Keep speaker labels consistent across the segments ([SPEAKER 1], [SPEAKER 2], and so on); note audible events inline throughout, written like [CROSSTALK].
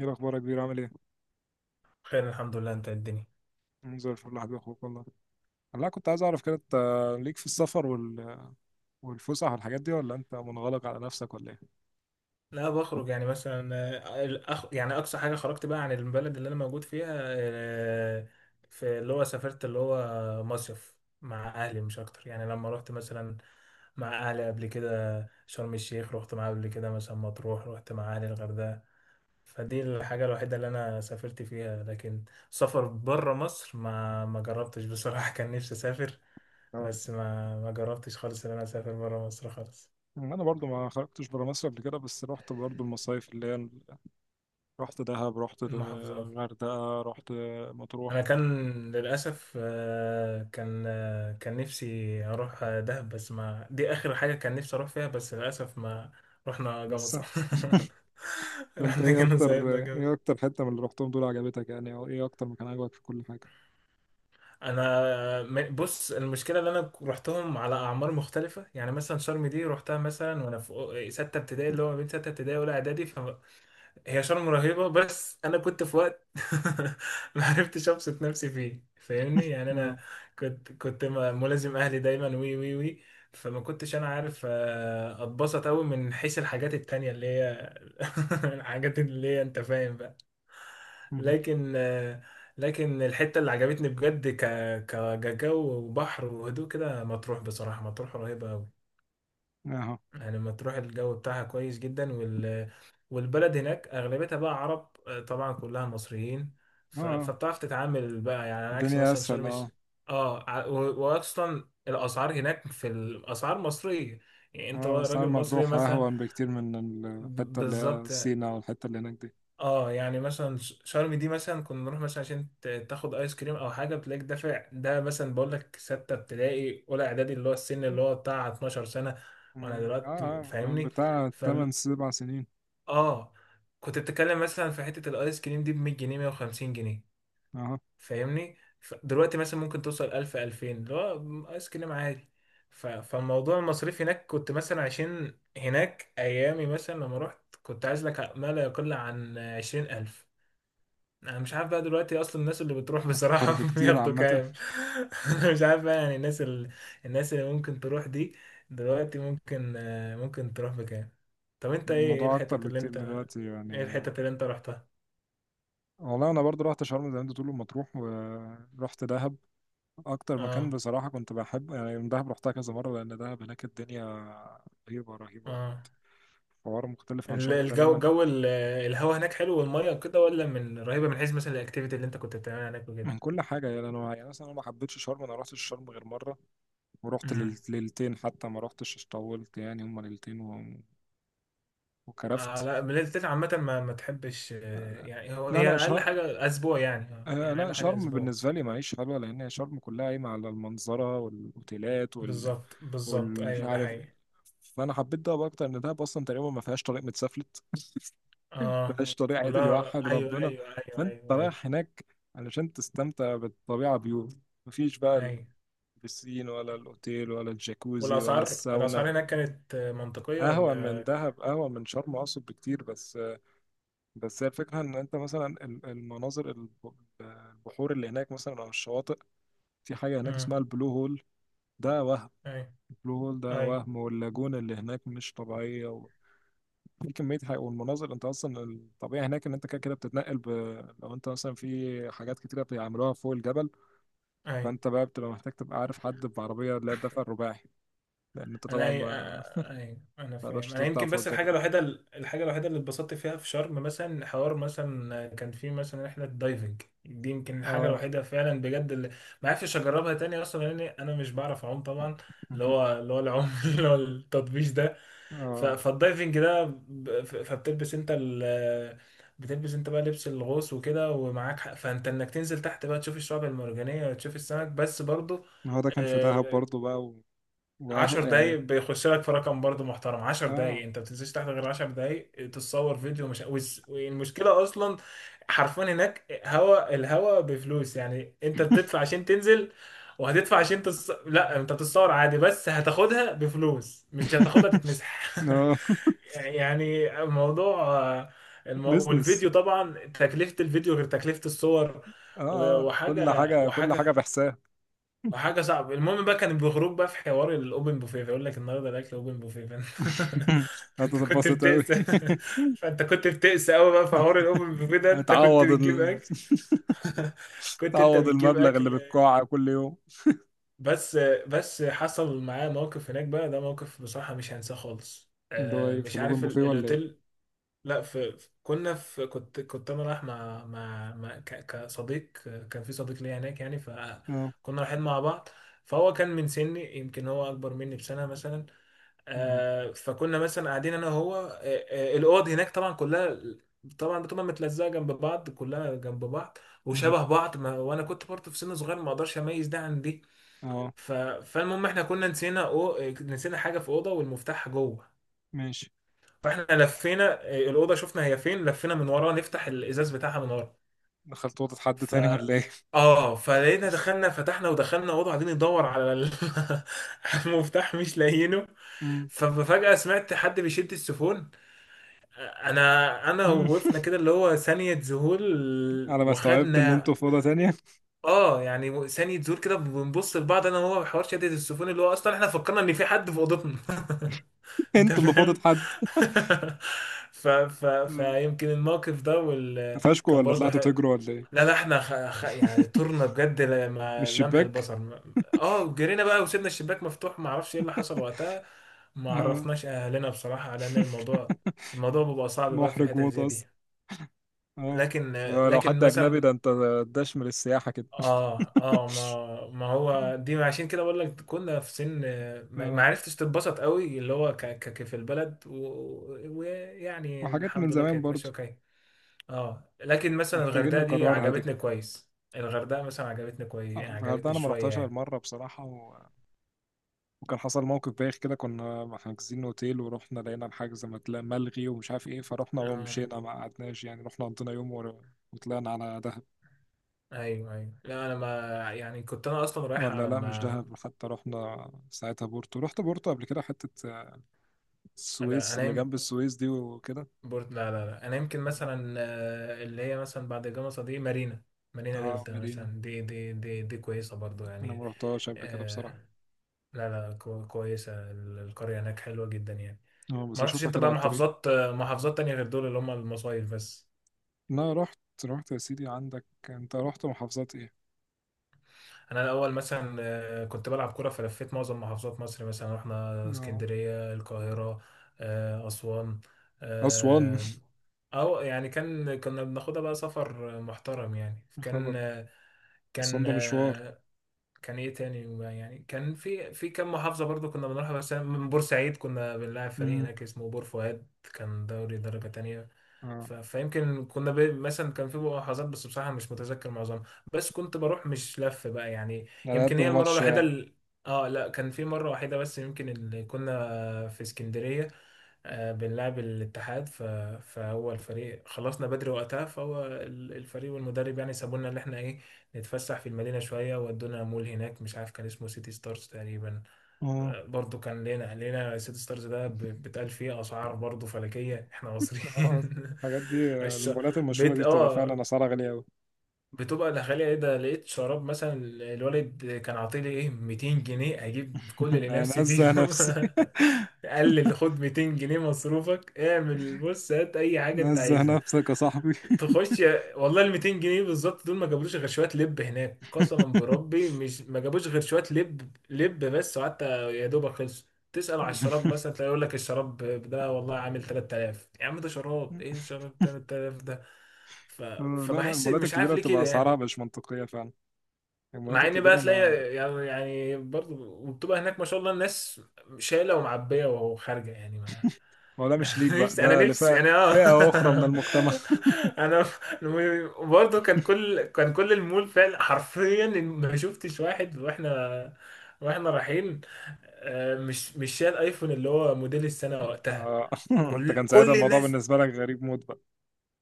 [SPEAKER 1] ايه الاخبار يا كبير؟ عامل ايه؟
[SPEAKER 2] خير، الحمد لله. انت إيه الدنيا؟
[SPEAKER 1] زي الفل يا حبيبي، اخوك والله. والله كنت عايز اعرف كده، انت ليك في السفر والفسح والحاجات دي، ولا انت منغلق على نفسك ولا ايه؟
[SPEAKER 2] لا، بخرج يعني مثلا يعني اقصى حاجه خرجت بقى عن البلد اللي انا موجود فيها. آه، في اللي هو سافرت اللي هو مصيف مع اهلي مش اكتر، يعني لما رحت مثلا مع اهلي قبل كده شرم الشيخ، رحت معاه قبل كده مثلا مطروح، رحت مع اهلي الغردقه. فدي الحاجه الوحيده اللي انا سافرت فيها، لكن سفر بره مصر ما جربتش بصراحه. [LAUGHS] كان نفسي اسافر
[SPEAKER 1] اه.
[SPEAKER 2] بس ما جربتش خالص ان انا اسافر بره مصر خالص.
[SPEAKER 1] انا برضو ما خرجتش برا مصر قبل كده، بس رحت برضو المصايف رحت دهب،
[SPEAKER 2] المحافظات.
[SPEAKER 1] غردقة، رحت مطروح.
[SPEAKER 2] انا كان للاسف، كان نفسي اروح دهب، بس ما دي اخر حاجه كان نفسي اروح فيها، بس للاسف ما رحنا
[SPEAKER 1] لسه.
[SPEAKER 2] جمصة. [LAUGHS]
[SPEAKER 1] انت
[SPEAKER 2] رحنا كنا صاحبنا جامد.
[SPEAKER 1] ايه اكتر حتة من اللي رحتهم دول عجبتك، يعني او ايه اكتر مكان عجبك في كل حاجة؟
[SPEAKER 2] بص، المشكله ان انا رحتهم على اعمار مختلفه، يعني مثلا شرم دي رحتها مثلا وانا في سته ابتدائي، اللي هو ما بين سته ابتدائي واولى اعدادي. هي شرم رهيبة بس أنا كنت في وقت [LAUGHS] ما عرفتش أبسط نفسي فيه، فاهمني؟ يعني
[SPEAKER 1] اه.
[SPEAKER 2] أنا كنت ملازم أهلي دايما، وي وي وي فما كنتش أنا عارف أتبسط أوي من حيث الحاجات التانية اللي هي، [LAUGHS] الحاجات اللي هي أنت فاهم بقى.
[SPEAKER 1] مهم.
[SPEAKER 2] لكن لكن الحتة اللي عجبتني بجد كجو وبحر وهدوء كده مطروح. بصراحة مطروح رهيبة أوي.
[SPEAKER 1] اهو. اه،
[SPEAKER 2] يعني مطروح الجو بتاعها كويس جدا والبلد هناك اغلبيتها بقى عرب، طبعا كلها مصريين.
[SPEAKER 1] اه،
[SPEAKER 2] فبتعرف تتعامل بقى يعني، على عكس
[SPEAKER 1] الدنيا
[SPEAKER 2] مثلا
[SPEAKER 1] اسهل. اه.
[SPEAKER 2] اه واصلا الاسعار هناك، في الاسعار مصريه. يعني انت
[SPEAKER 1] اه، مرسى
[SPEAKER 2] راجل مصري
[SPEAKER 1] مطروح
[SPEAKER 2] مثلا.
[SPEAKER 1] أهون بكتير من
[SPEAKER 2] ب...
[SPEAKER 1] الحتة اللي هي
[SPEAKER 2] بالظبط
[SPEAKER 1] سينا، والحتة اللي هناك دي.
[SPEAKER 2] اه يعني مثلا شرم دي مثلا كنا نروح مثلا عشان تاخد ايس كريم او حاجه، بتلاقيك دافع، ده مثلا بقول لك سته ابتدائي اولى اعدادي، اللي هو السن اللي هو بتاع 12 سنه. وانا
[SPEAKER 1] مم. اه،
[SPEAKER 2] دلوقتي
[SPEAKER 1] اه، من
[SPEAKER 2] فاهمني.
[SPEAKER 1] بتاع تمن سبع سنين.
[SPEAKER 2] اه، كنت بتتكلم مثلا في حتة الايس كريم دي ب 100 جنيه 150 جنيه،
[SPEAKER 1] اه.
[SPEAKER 2] فاهمني؟ دلوقتي مثلا ممكن توصل 1000 2000 اللي هو ايس كريم عادي. فالموضوع المصاريف هناك كنت مثلا، عشان هناك ايامي مثلا لما رحت كنت عايز لك ما لا يقل عن 20,000. انا مش عارف بقى دلوقتي اصلا الناس اللي بتروح
[SPEAKER 1] أكتر
[SPEAKER 2] بصراحة [LAUGHS]
[SPEAKER 1] بكتير
[SPEAKER 2] بياخدوا
[SPEAKER 1] عامة.
[SPEAKER 2] كام. [LAUGHS] مش عارف بقى يعني الناس اللي ممكن تروح دي دلوقتي ممكن ممكن تروح بكام. طب انت ايه ايه
[SPEAKER 1] الموضوع أكتر
[SPEAKER 2] الحتت اللي
[SPEAKER 1] بكتير
[SPEAKER 2] انت
[SPEAKER 1] دلوقتي يعني.
[SPEAKER 2] ايه الحتت اللي انت رحتها؟
[SPEAKER 1] والله أنا برضو رحت شرم زي ما أنت بتقول، ومطروح، ورحت دهب. أكتر مكان
[SPEAKER 2] اه
[SPEAKER 1] بصراحة كنت بحب يعني من دهب، رحتها كذا مرة، لأن دهب هناك الدنيا رهيبة رهيبة.
[SPEAKER 2] اه.
[SPEAKER 1] حوار مختلف عن شرم
[SPEAKER 2] الجو،
[SPEAKER 1] تماما.
[SPEAKER 2] الهوا هناك حلو والميه وكده، ولا من رهيبة من حيث مثلا الاكتيفيتي اللي انت كنت بتعملها هناك وكده؟
[SPEAKER 1] من كل حاجة يعني، أنا يعني مثلا أنا ما حبيتش شرم. أنا رحت شرم غير مرة، ورحت
[SPEAKER 2] امم
[SPEAKER 1] ليلتين، حتى ما رحتش طولت، يعني هما ليلتين
[SPEAKER 2] آه،
[SPEAKER 1] وكرفت.
[SPEAKER 2] لا بلاد التلج عامة ما تحبش، يعني هو
[SPEAKER 1] لا،
[SPEAKER 2] هي
[SPEAKER 1] لا،
[SPEAKER 2] أقل
[SPEAKER 1] شر...
[SPEAKER 2] حاجة أسبوع، يعني آه،
[SPEAKER 1] آه،
[SPEAKER 2] يعني
[SPEAKER 1] لا
[SPEAKER 2] أقل حاجة
[SPEAKER 1] شرم
[SPEAKER 2] أسبوع
[SPEAKER 1] بالنسبة لي معيش حلوة، لأن هي شرم كلها قايمة على المنظرة والأوتيلات
[SPEAKER 2] بالظبط بالظبط،
[SPEAKER 1] والمش
[SPEAKER 2] ايوه ده
[SPEAKER 1] عارف.
[SPEAKER 2] حقيقي.
[SPEAKER 1] فأنا حبيت دهب أكتر، إن دهب أصلا تقريبا ما فيهاش طريق متسفلت، ما
[SPEAKER 2] اه،
[SPEAKER 1] فيهاش طريق عدل
[SPEAKER 2] كلها،
[SPEAKER 1] يوحد
[SPEAKER 2] ايوه
[SPEAKER 1] ربنا.
[SPEAKER 2] ايوه ايوه
[SPEAKER 1] فأنت
[SPEAKER 2] ايوه ايوه
[SPEAKER 1] رايح هناك علشان تستمتع بالطبيعة، مفيش بقى
[SPEAKER 2] ايوه.
[SPEAKER 1] البسين ولا الأوتيل ولا الجاكوزي ولا
[SPEAKER 2] والاسعار
[SPEAKER 1] الساونا.
[SPEAKER 2] الاسعار هناك كانت منطقيه ولا؟
[SPEAKER 1] قهوة من شرم أقصد، بكتير. بس، بس هي الفكرة إن أنت مثلا المناظر البحور اللي هناك مثلا أو الشواطئ. في حاجة هناك
[SPEAKER 2] امم،
[SPEAKER 1] اسمها البلو هول ده وهم.
[SPEAKER 2] ايوه
[SPEAKER 1] البلو هول ده
[SPEAKER 2] ايوه
[SPEAKER 1] وهم، واللاجون اللي هناك مش طبيعية في كمية حاجة. والمناظر، أنت أصلا الطبيعي هناك إن أنت كده كده بتتنقل لو أنت مثلا في حاجات كتيرة بيعملوها فوق الجبل،
[SPEAKER 2] ايوه.
[SPEAKER 1] فأنت بقى بتبقى محتاج تبقى عارف حد بعربية اللي هي الدفع الرباعي، لأن أنت
[SPEAKER 2] انا
[SPEAKER 1] طبعا
[SPEAKER 2] اي
[SPEAKER 1] ما
[SPEAKER 2] انا فاهم،
[SPEAKER 1] تقدرش
[SPEAKER 2] انا
[SPEAKER 1] تطلع
[SPEAKER 2] يمكن
[SPEAKER 1] فوق
[SPEAKER 2] بس
[SPEAKER 1] الجبل.
[SPEAKER 2] الحاجه الوحيده، اللي اتبسطت فيها في شرم مثلا، حوار مثلا كان في مثلا رحله دايفنج، دي يمكن الحاجه
[SPEAKER 1] اه.
[SPEAKER 2] الوحيده فعلا بجد اللي ما عرفتش اجربها تاني، اصلا لان انا مش بعرف اعوم طبعا. اللي
[SPEAKER 1] [LAUGHS]
[SPEAKER 2] هو اللي هو العوم، [LAUGHS] اللي هو التطبيش ده. ف-
[SPEAKER 1] اه،
[SPEAKER 2] فالدايفنج ده ب- ف- فبتلبس انت ال بتلبس انت بقى لبس الغوص وكده ومعاك حق، فانت انك تنزل تحت بقى تشوف الشعاب المرجانيه وتشوف السمك بس. برضه
[SPEAKER 1] ما هو ده كان في دهب برضه بقى
[SPEAKER 2] 10
[SPEAKER 1] وقهوة
[SPEAKER 2] دقايق
[SPEAKER 1] يعني.
[SPEAKER 2] بيخش لك في رقم برضه محترم، 10
[SPEAKER 1] اه.
[SPEAKER 2] دقايق انت ما بتنزلش تحت غير 10 دقايق، تتصور فيديو مش والمشكله اصلا حرفيا هناك هوا، الهوا بفلوس. يعني انت بتدفع عشان تنزل، وهتدفع عشان لا انت بتتصور عادي بس هتاخدها بفلوس، مش هتاخدها
[SPEAKER 1] [LAUGHS]
[SPEAKER 2] تتمسح.
[SPEAKER 1] اه.
[SPEAKER 2] [LAUGHS] يعني الموضوع،
[SPEAKER 1] بزنس.
[SPEAKER 2] والفيديو طبعا تكلفة الفيديو غير تكلفة الصور.
[SPEAKER 1] اه.
[SPEAKER 2] و-
[SPEAKER 1] آه. كل
[SPEAKER 2] وحاجة
[SPEAKER 1] حاجة كل
[SPEAKER 2] وحاجة
[SPEAKER 1] حاجة بحساب.
[SPEAKER 2] وحاجه صعبه. المهم بقى كان بيخرج بقى في حوار الاوبن بوفيه، فيقول لك النهارده الاكل اوبن بوفيه، فانت [LAUGHS]
[SPEAKER 1] [LAUGHS]
[SPEAKER 2] فأنت كنت
[SPEAKER 1] هتتبسط أوي.
[SPEAKER 2] بتقسى [LAUGHS] فانت كنت بتقسى قوي بقى في حوار الاوبن بوفيه
[SPEAKER 1] [LAUGHS]
[SPEAKER 2] ده، انت كنت
[SPEAKER 1] هتعوض
[SPEAKER 2] بتجيب
[SPEAKER 1] ال...
[SPEAKER 2] اكل. [LAUGHS] كنت انت
[SPEAKER 1] تعوض
[SPEAKER 2] بتجيب
[SPEAKER 1] المبلغ اللي
[SPEAKER 2] اكل
[SPEAKER 1] بتقع كل يوم.
[SPEAKER 2] بس، حصل معايا موقف هناك بقى، ده موقف بصراحه مش هنساه خالص.
[SPEAKER 1] اللي هو ايه، في
[SPEAKER 2] مش
[SPEAKER 1] لوجن
[SPEAKER 2] عارف
[SPEAKER 1] بوفيه ولا ايه؟
[SPEAKER 2] الاوتيل. لا، في في- كنا في كنت انا رايح مع مع كصديق. كان في صديق ليا هناك يعني،
[SPEAKER 1] اه.
[SPEAKER 2] فكنا رايحين مع بعض. فهو كان من سني، يمكن هو اكبر مني بسنه مثلا.
[SPEAKER 1] مهم.
[SPEAKER 2] فكنا مثلا قاعدين انا وهو، الاوض هناك طبعا كلها، طبعا بتبقى متلزقه جنب بعض، كلها جنب بعض
[SPEAKER 1] مهم.
[SPEAKER 2] وشبه بعض. ما وانا كنت برضه في سن صغير، ما اقدرش اميز ده عن دي.
[SPEAKER 1] اه.
[SPEAKER 2] فالمهم احنا كنا نسينا، نسينا حاجه في اوضه والمفتاح جوه.
[SPEAKER 1] ماشي.
[SPEAKER 2] فاحنا لفينا، إيه، الاوضه شفنا هي فين، لفينا من ورا، نفتح الازاز بتاعها من ورا.
[SPEAKER 1] دخلت اوضة حد
[SPEAKER 2] ف
[SPEAKER 1] تاني ولا ايه؟
[SPEAKER 2] اه فلقينا، دخلنا، فتحنا ودخلنا اوضه، قاعدين ندور [LAUGHS] على المفتاح مش لاقيينه.
[SPEAKER 1] [LAUGHS] مم.
[SPEAKER 2] ففجأة سمعت حد بيشد السيفون. انا
[SPEAKER 1] مم.
[SPEAKER 2] وقفنا كده اللي هو ثانية ذهول،
[SPEAKER 1] على ما استوعبت ان
[SPEAKER 2] وخدنا
[SPEAKER 1] انتوا في اوضة تانية.
[SPEAKER 2] اه يعني ثانية ذهول كده، بنبص لبعض انا وهو بحوار شدة السيفون، اللي هو اصلا احنا فكرنا ان في حد في اوضتنا.
[SPEAKER 1] [LAUGHS]
[SPEAKER 2] [LAUGHS] انت
[SPEAKER 1] انتوا اللي في اوضة
[SPEAKER 2] فاهم.
[SPEAKER 1] حد.
[SPEAKER 2] [LAUGHS] ف... ف...
[SPEAKER 1] مم.
[SPEAKER 2] فيمكن الموقف ده
[SPEAKER 1] قفشكوا
[SPEAKER 2] كان
[SPEAKER 1] ولا
[SPEAKER 2] برضه
[SPEAKER 1] طلعتوا
[SPEAKER 2] حلو.
[SPEAKER 1] تجروا ولا ايه؟
[SPEAKER 2] لا لا، احنا يعني
[SPEAKER 1] [LAUGHS]
[SPEAKER 2] طرنا بجد،
[SPEAKER 1] مش
[SPEAKER 2] لما لمح
[SPEAKER 1] شباك؟
[SPEAKER 2] البصر جرينا بقى، وسيبنا الشباك مفتوح، ما اعرفش ايه اللي حصل وقتها. ما
[SPEAKER 1] آه.
[SPEAKER 2] عرفناش اهلنا بصراحة على ان الموضوع،
[SPEAKER 1] [LAUGHS]
[SPEAKER 2] الموضوع بيبقى صعب بقى في
[SPEAKER 1] محرج
[SPEAKER 2] الحتت
[SPEAKER 1] موت
[SPEAKER 2] زي دي.
[SPEAKER 1] اصلا. اه.
[SPEAKER 2] لكن،
[SPEAKER 1] ولو حد
[SPEAKER 2] لكن
[SPEAKER 1] اجنبي، ده
[SPEAKER 2] مثلا
[SPEAKER 1] انت داش من السياحه كده.
[SPEAKER 2] اه اه، ما ما هو دي عشان كده بقول لك كنا في سن، ما
[SPEAKER 1] اه.
[SPEAKER 2] عرفتش تتبسط قوي اللي هو في البلد، ويعني
[SPEAKER 1] وحاجات من
[SPEAKER 2] الحمد لله
[SPEAKER 1] زمان
[SPEAKER 2] كانت
[SPEAKER 1] برضو.
[SPEAKER 2] ماشيه وكاية. اه لكن مثلا
[SPEAKER 1] محتاجين
[SPEAKER 2] الغردقه دي
[SPEAKER 1] نكررها دي.
[SPEAKER 2] عجبتني كويس، الغردقه مثلا عجبتني كويس، يعني
[SPEAKER 1] الغردقه
[SPEAKER 2] عجبتني
[SPEAKER 1] انا ما
[SPEAKER 2] شويه
[SPEAKER 1] رحتهاش غير
[SPEAKER 2] يعني.
[SPEAKER 1] مره بصراحه وكان حصل موقف بايخ كده، كنا حاجزين اوتيل ورحنا لقينا الحجز ملغي ومش عارف ايه، فرحنا
[SPEAKER 2] اه
[SPEAKER 1] ومشينا ما قعدناش يعني، رحنا قضينا يوم وطلعنا على دهب.
[SPEAKER 2] ايوه ايوه، لا انا ما، يعني كنت انا اصلا رايح
[SPEAKER 1] ولا، لا، مش
[SPEAKER 2] ما.
[SPEAKER 1] دهب، حتى رحنا ساعتها بورتو. رحت بورتو قبل كده، حته
[SPEAKER 2] لا
[SPEAKER 1] السويس اللي
[SPEAKER 2] انام
[SPEAKER 1] جنب السويس دي وكده.
[SPEAKER 2] بورت، لا لا لا، انا يمكن مثلا اللي هي مثلا بعد جمصة دي مارينا، مارينا
[SPEAKER 1] اه.
[SPEAKER 2] دلتا
[SPEAKER 1] مارينا
[SPEAKER 2] مثلا، دي كويسة برضو
[SPEAKER 1] انا
[SPEAKER 2] يعني.
[SPEAKER 1] ما رحتهاش قبل كده بصراحه.
[SPEAKER 2] آه، لا لا، كويسة القرية هناك حلوة جدا يعني.
[SPEAKER 1] اه، بس
[SPEAKER 2] ما رحتش
[SPEAKER 1] اشوفها
[SPEAKER 2] انت
[SPEAKER 1] كده
[SPEAKER 2] بقى
[SPEAKER 1] على الطريق.
[SPEAKER 2] محافظات، محافظات تانية غير دول اللي هم المصايف بس؟
[SPEAKER 1] انا رحت يا سيدي عندك. انت رحت محافظات ايه؟
[SPEAKER 2] انا الاول مثلا كنت بلعب كرة، فلفيت معظم محافظات مصر، مثلا رحنا
[SPEAKER 1] آه.
[SPEAKER 2] اسكندرية، القاهرة، اسوان.
[SPEAKER 1] اسوان.
[SPEAKER 2] آه، او يعني كان كنا بناخدها بقى سفر محترم يعني،
[SPEAKER 1] [LAUGHS] يا خبر. اسوان
[SPEAKER 2] كان
[SPEAKER 1] ده مشوار.
[SPEAKER 2] آه، كان ايه تاني، يعني كان في كام محافظة برضو كنا بنروحها. بس أنا من بورسعيد، كنا بنلعب فريق
[SPEAKER 1] امم
[SPEAKER 2] هناك اسمه بور فؤاد، كان دوري درجة تانية.
[SPEAKER 1] اه،
[SPEAKER 2] فيمكن كنا ب، مثلا كان في محافظات بس بصراحة مش متذكر معظمها. بس كنت بروح، مش لف بقى يعني.
[SPEAKER 1] على
[SPEAKER 2] يمكن
[SPEAKER 1] قد
[SPEAKER 2] هي المرة
[SPEAKER 1] الماتش
[SPEAKER 2] الوحيدة
[SPEAKER 1] يعني.
[SPEAKER 2] اه، لا كان في مرة واحدة بس يمكن، اللي كنا في اسكندرية بنلعب الاتحاد. فهو الفريق خلصنا بدري وقتها، فهو الفريق والمدرب يعني سابونا، اللي احنا ايه، نتفسح في المدينة شوية، ودونا مول هناك مش عارف كان اسمه سيتي ستارز تقريبا.
[SPEAKER 1] اه.
[SPEAKER 2] برضو كان لنا، سيتي ستارز ده بيتقال فيه أسعار برضو فلكية، احنا مصريين.
[SPEAKER 1] اه،
[SPEAKER 2] [LAUGHS]
[SPEAKER 1] الحاجات دي
[SPEAKER 2] الش...
[SPEAKER 1] المولات المشهوره دي
[SPEAKER 2] بيت
[SPEAKER 1] بتبقى فعلا
[SPEAKER 2] اه
[SPEAKER 1] اسعارها غاليه قوي.
[SPEAKER 2] بتبقى الغالية ايه، ده لقيت شراب مثلا، الوالد كان عاطيلي ايه 200 جنيه، اجيب كل اللي
[SPEAKER 1] [LAUGHS]
[SPEAKER 2] نفسي
[SPEAKER 1] نزه
[SPEAKER 2] فيهم.
[SPEAKER 1] نفسي. [LAUGHS]
[SPEAKER 2] [LAUGHS] قال لي خد 200 جنيه مصروفك، اعمل بص، هات اي حاجة انت
[SPEAKER 1] نزه
[SPEAKER 2] عايزها،
[SPEAKER 1] نفسك يا صاحبي. [LAUGHS]
[SPEAKER 2] تخش. والله ال 200 جنيه بالظبط دول ما جابلوش غير شوية لب هناك، قسما بربي، مش ما جابوش غير شوية لب لب بس، وقعدت يا دوبك خلصوا. تسأل على الشراب مثلا تلاقي يقول لك الشراب ده والله عامل 3000، يا عم ده شراب ايه شراب 3000 ده؟ ف...
[SPEAKER 1] آه، لا، لا،
[SPEAKER 2] فبحس
[SPEAKER 1] المولات
[SPEAKER 2] مش عارف
[SPEAKER 1] الكبيرة
[SPEAKER 2] ليه
[SPEAKER 1] بتبقى
[SPEAKER 2] كده
[SPEAKER 1] أسعارها
[SPEAKER 2] يعني.
[SPEAKER 1] مش منطقية فعلا. المولات
[SPEAKER 2] مع ان بقى
[SPEAKER 1] الكبيرة ما
[SPEAKER 2] تلاقي يعني، يعني برضه، وبتبقى هناك ما شاء الله الناس شايله ومعبيه وخارجه يعني، ما
[SPEAKER 1] ما هو ده مش ليك بقى،
[SPEAKER 2] نفسي انا،
[SPEAKER 1] ده
[SPEAKER 2] نفسي
[SPEAKER 1] لفئة،
[SPEAKER 2] انا
[SPEAKER 1] فئة أخرى من
[SPEAKER 2] اه.
[SPEAKER 1] المجتمع.
[SPEAKER 2] [LAUGHS]
[SPEAKER 1] [LAUGHS]
[SPEAKER 2] انا برضه، كان كل المول فعلا حرفيا ما شفتش واحد، واحنا رايحين، مش شايل ايفون اللي هو موديل السنه وقتها،
[SPEAKER 1] آه. [LAUGHS] انت
[SPEAKER 2] كل
[SPEAKER 1] كان ساعتها
[SPEAKER 2] كل
[SPEAKER 1] الموضوع
[SPEAKER 2] الناس.
[SPEAKER 1] بالنسبة لك غريب موت بقى.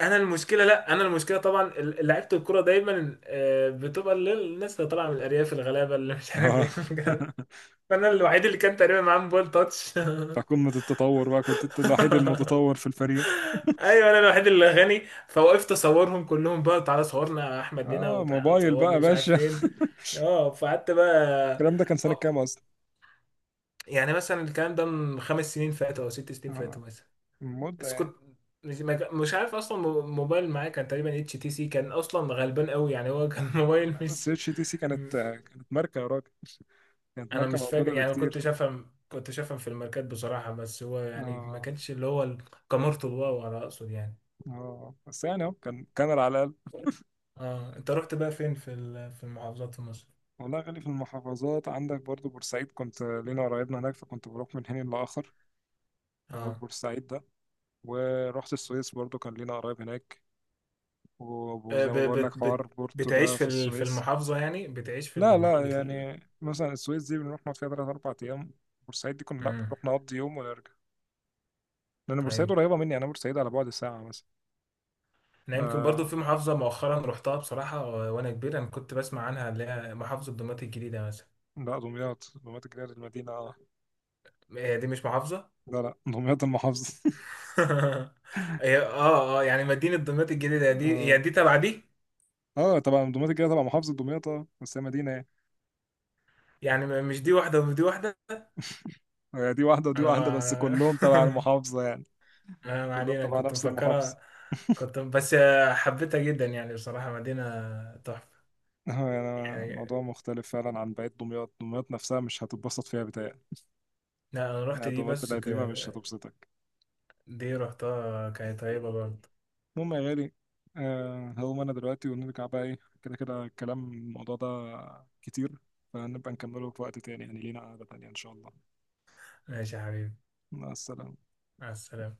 [SPEAKER 2] انا المشكله لا انا المشكله طبعا لعيبه الكوره دايما بتبقى الناس اللي طالعه من الارياف الغلابه اللي مش عارف
[SPEAKER 1] اه.
[SPEAKER 2] ايه. [LAUGHS]
[SPEAKER 1] [LAUGHS]
[SPEAKER 2] فانا الوحيد اللي كان تقريبا معاه موبايل تاتش.
[SPEAKER 1] بتاع قمة التطور بقى، كنت انت الوحيد
[SPEAKER 2] [LAUGHS]
[SPEAKER 1] المتطور في الفريق.
[SPEAKER 2] ايوه انا الوحيد اللي غني. فوقفت اصورهم كلهم بقى، تعالى صورنا يا احمد هنا،
[SPEAKER 1] اه،
[SPEAKER 2] وتعالى
[SPEAKER 1] موبايل بقى
[SPEAKER 2] صورني
[SPEAKER 1] يا
[SPEAKER 2] مش عارف
[SPEAKER 1] باشا.
[SPEAKER 2] فين.
[SPEAKER 1] [LAUGHS]
[SPEAKER 2] اه فقعدت بقى.
[SPEAKER 1] الكلام ده كان سنة كام
[SPEAKER 2] آه،
[SPEAKER 1] أصلا؟
[SPEAKER 2] يعني مثلا الكلام ده من 5 سنين فاتوا او 6 سنين
[SPEAKER 1] آه.
[SPEAKER 2] فاتوا مثلا.
[SPEAKER 1] مدة
[SPEAKER 2] بس
[SPEAKER 1] يعني.
[SPEAKER 2] كنت مش، ما كان- مش عارف اصلا، موبايل معايا كان تقريبا اتش تي سي، كان اصلا غلبان قوي يعني هو، كان [LAUGHS] موبايل
[SPEAKER 1] لا، بس
[SPEAKER 2] مش.
[SPEAKER 1] اتش تي سي
[SPEAKER 2] م-
[SPEAKER 1] كانت ماركة يا راجل. كانت
[SPEAKER 2] انا
[SPEAKER 1] ماركة
[SPEAKER 2] مش فاكر
[SPEAKER 1] موجودة
[SPEAKER 2] يعني، كنت
[SPEAKER 1] بكتير.
[SPEAKER 2] شافهم كنت شافهم في الماركات بصراحة، بس هو يعني ما
[SPEAKER 1] اه.
[SPEAKER 2] كانش اللي هو كاميرته الواو على اقصد يعني.
[SPEAKER 1] اه، بس يعني اهو كان على الأقل.
[SPEAKER 2] اه انت رحت بقى فين في في المحافظات في مصر؟
[SPEAKER 1] والله يا غالي، في المحافظات عندك برضو بورسعيد، كنت لينا قرايبنا هناك فكنت بروح من حين لآخر. هو
[SPEAKER 2] اه،
[SPEAKER 1] البورسعيد ده. ورحت السويس برضو، كان لينا قرايب هناك،
[SPEAKER 2] آه،
[SPEAKER 1] وزي
[SPEAKER 2] ب...
[SPEAKER 1] ما بقول
[SPEAKER 2] بت...
[SPEAKER 1] لك حوار
[SPEAKER 2] بت...
[SPEAKER 1] بورتو
[SPEAKER 2] بتعيش
[SPEAKER 1] ده
[SPEAKER 2] في
[SPEAKER 1] في
[SPEAKER 2] في
[SPEAKER 1] السويس.
[SPEAKER 2] المحافظة يعني، بتعيش في
[SPEAKER 1] لا،
[SPEAKER 2] المحافظة
[SPEAKER 1] لا،
[SPEAKER 2] بت...
[SPEAKER 1] يعني مثلا السويس دي بنروح نقعد فيها تلات أربع أيام. بورسعيد دي كنا لا
[SPEAKER 2] مم.
[SPEAKER 1] بنروح نقضي يوم ونرجع. لأن بورسعيد
[SPEAKER 2] ايوه،
[SPEAKER 1] قريبة مني، أنا بورسعيد على بعد ساعة مثلا.
[SPEAKER 2] انا
[SPEAKER 1] ف
[SPEAKER 2] يمكن برضو في محافظة مؤخرا رحتها بصراحة، وانا كبير انا كنت بسمع عنها، اللي هي محافظة دمياط الجديدة مثلا.
[SPEAKER 1] لا، دمياط الجديدة المدينة. اه.
[SPEAKER 2] هي دي مش محافظة؟
[SPEAKER 1] لا، لا، دمياط المحافظة.
[SPEAKER 2] [LAUGHS] هي اه اه، يعني مدينة دمياط
[SPEAKER 1] [LAUGHS]
[SPEAKER 2] الجديدة دي هي
[SPEAKER 1] اه.
[SPEAKER 2] دي تبع دي،
[SPEAKER 1] طبعا دمياط الجديدة تبع محافظة دمياط. اه، بس هي مدينة يعني.
[SPEAKER 2] يعني مش دي واحدة ودي واحدة؟
[SPEAKER 1] هي دي واحدة ودي
[SPEAKER 2] انا
[SPEAKER 1] واحدة، بس كلهم تبع
[SPEAKER 2] ما
[SPEAKER 1] المحافظة يعني.
[SPEAKER 2] [LAUGHS] انا ما
[SPEAKER 1] كلهم
[SPEAKER 2] علينا،
[SPEAKER 1] تبع
[SPEAKER 2] كنت
[SPEAKER 1] نفس المحافظة.
[SPEAKER 2] مفكرها. كنت بس، حبيتها جدا يعني بصراحة، مدينة تحفة
[SPEAKER 1] [LAUGHS] آه، يعني الموضوع
[SPEAKER 2] يعني.
[SPEAKER 1] مختلف فعلا عن بقية دمياط. دمياط نفسها مش هتتبسط فيها بتهيألي.
[SPEAKER 2] لا انا رحت دي
[SPEAKER 1] الأدوات
[SPEAKER 2] بس
[SPEAKER 1] القديمة مش هتبسطك.
[SPEAKER 2] دي رحتها كانت طيبة برضه.
[SPEAKER 1] المهم يا غالي. هقوم أنا دلوقتي ونرجع بقى. إيه كده كده الموضوع ده كتير، فنبقى نكمله في وقت تاني يعني. لينا قعدة تانية إن شاء الله.
[SPEAKER 2] ماشي يا حبيبي،
[SPEAKER 1] مع السلامة.
[SPEAKER 2] مع السلامة.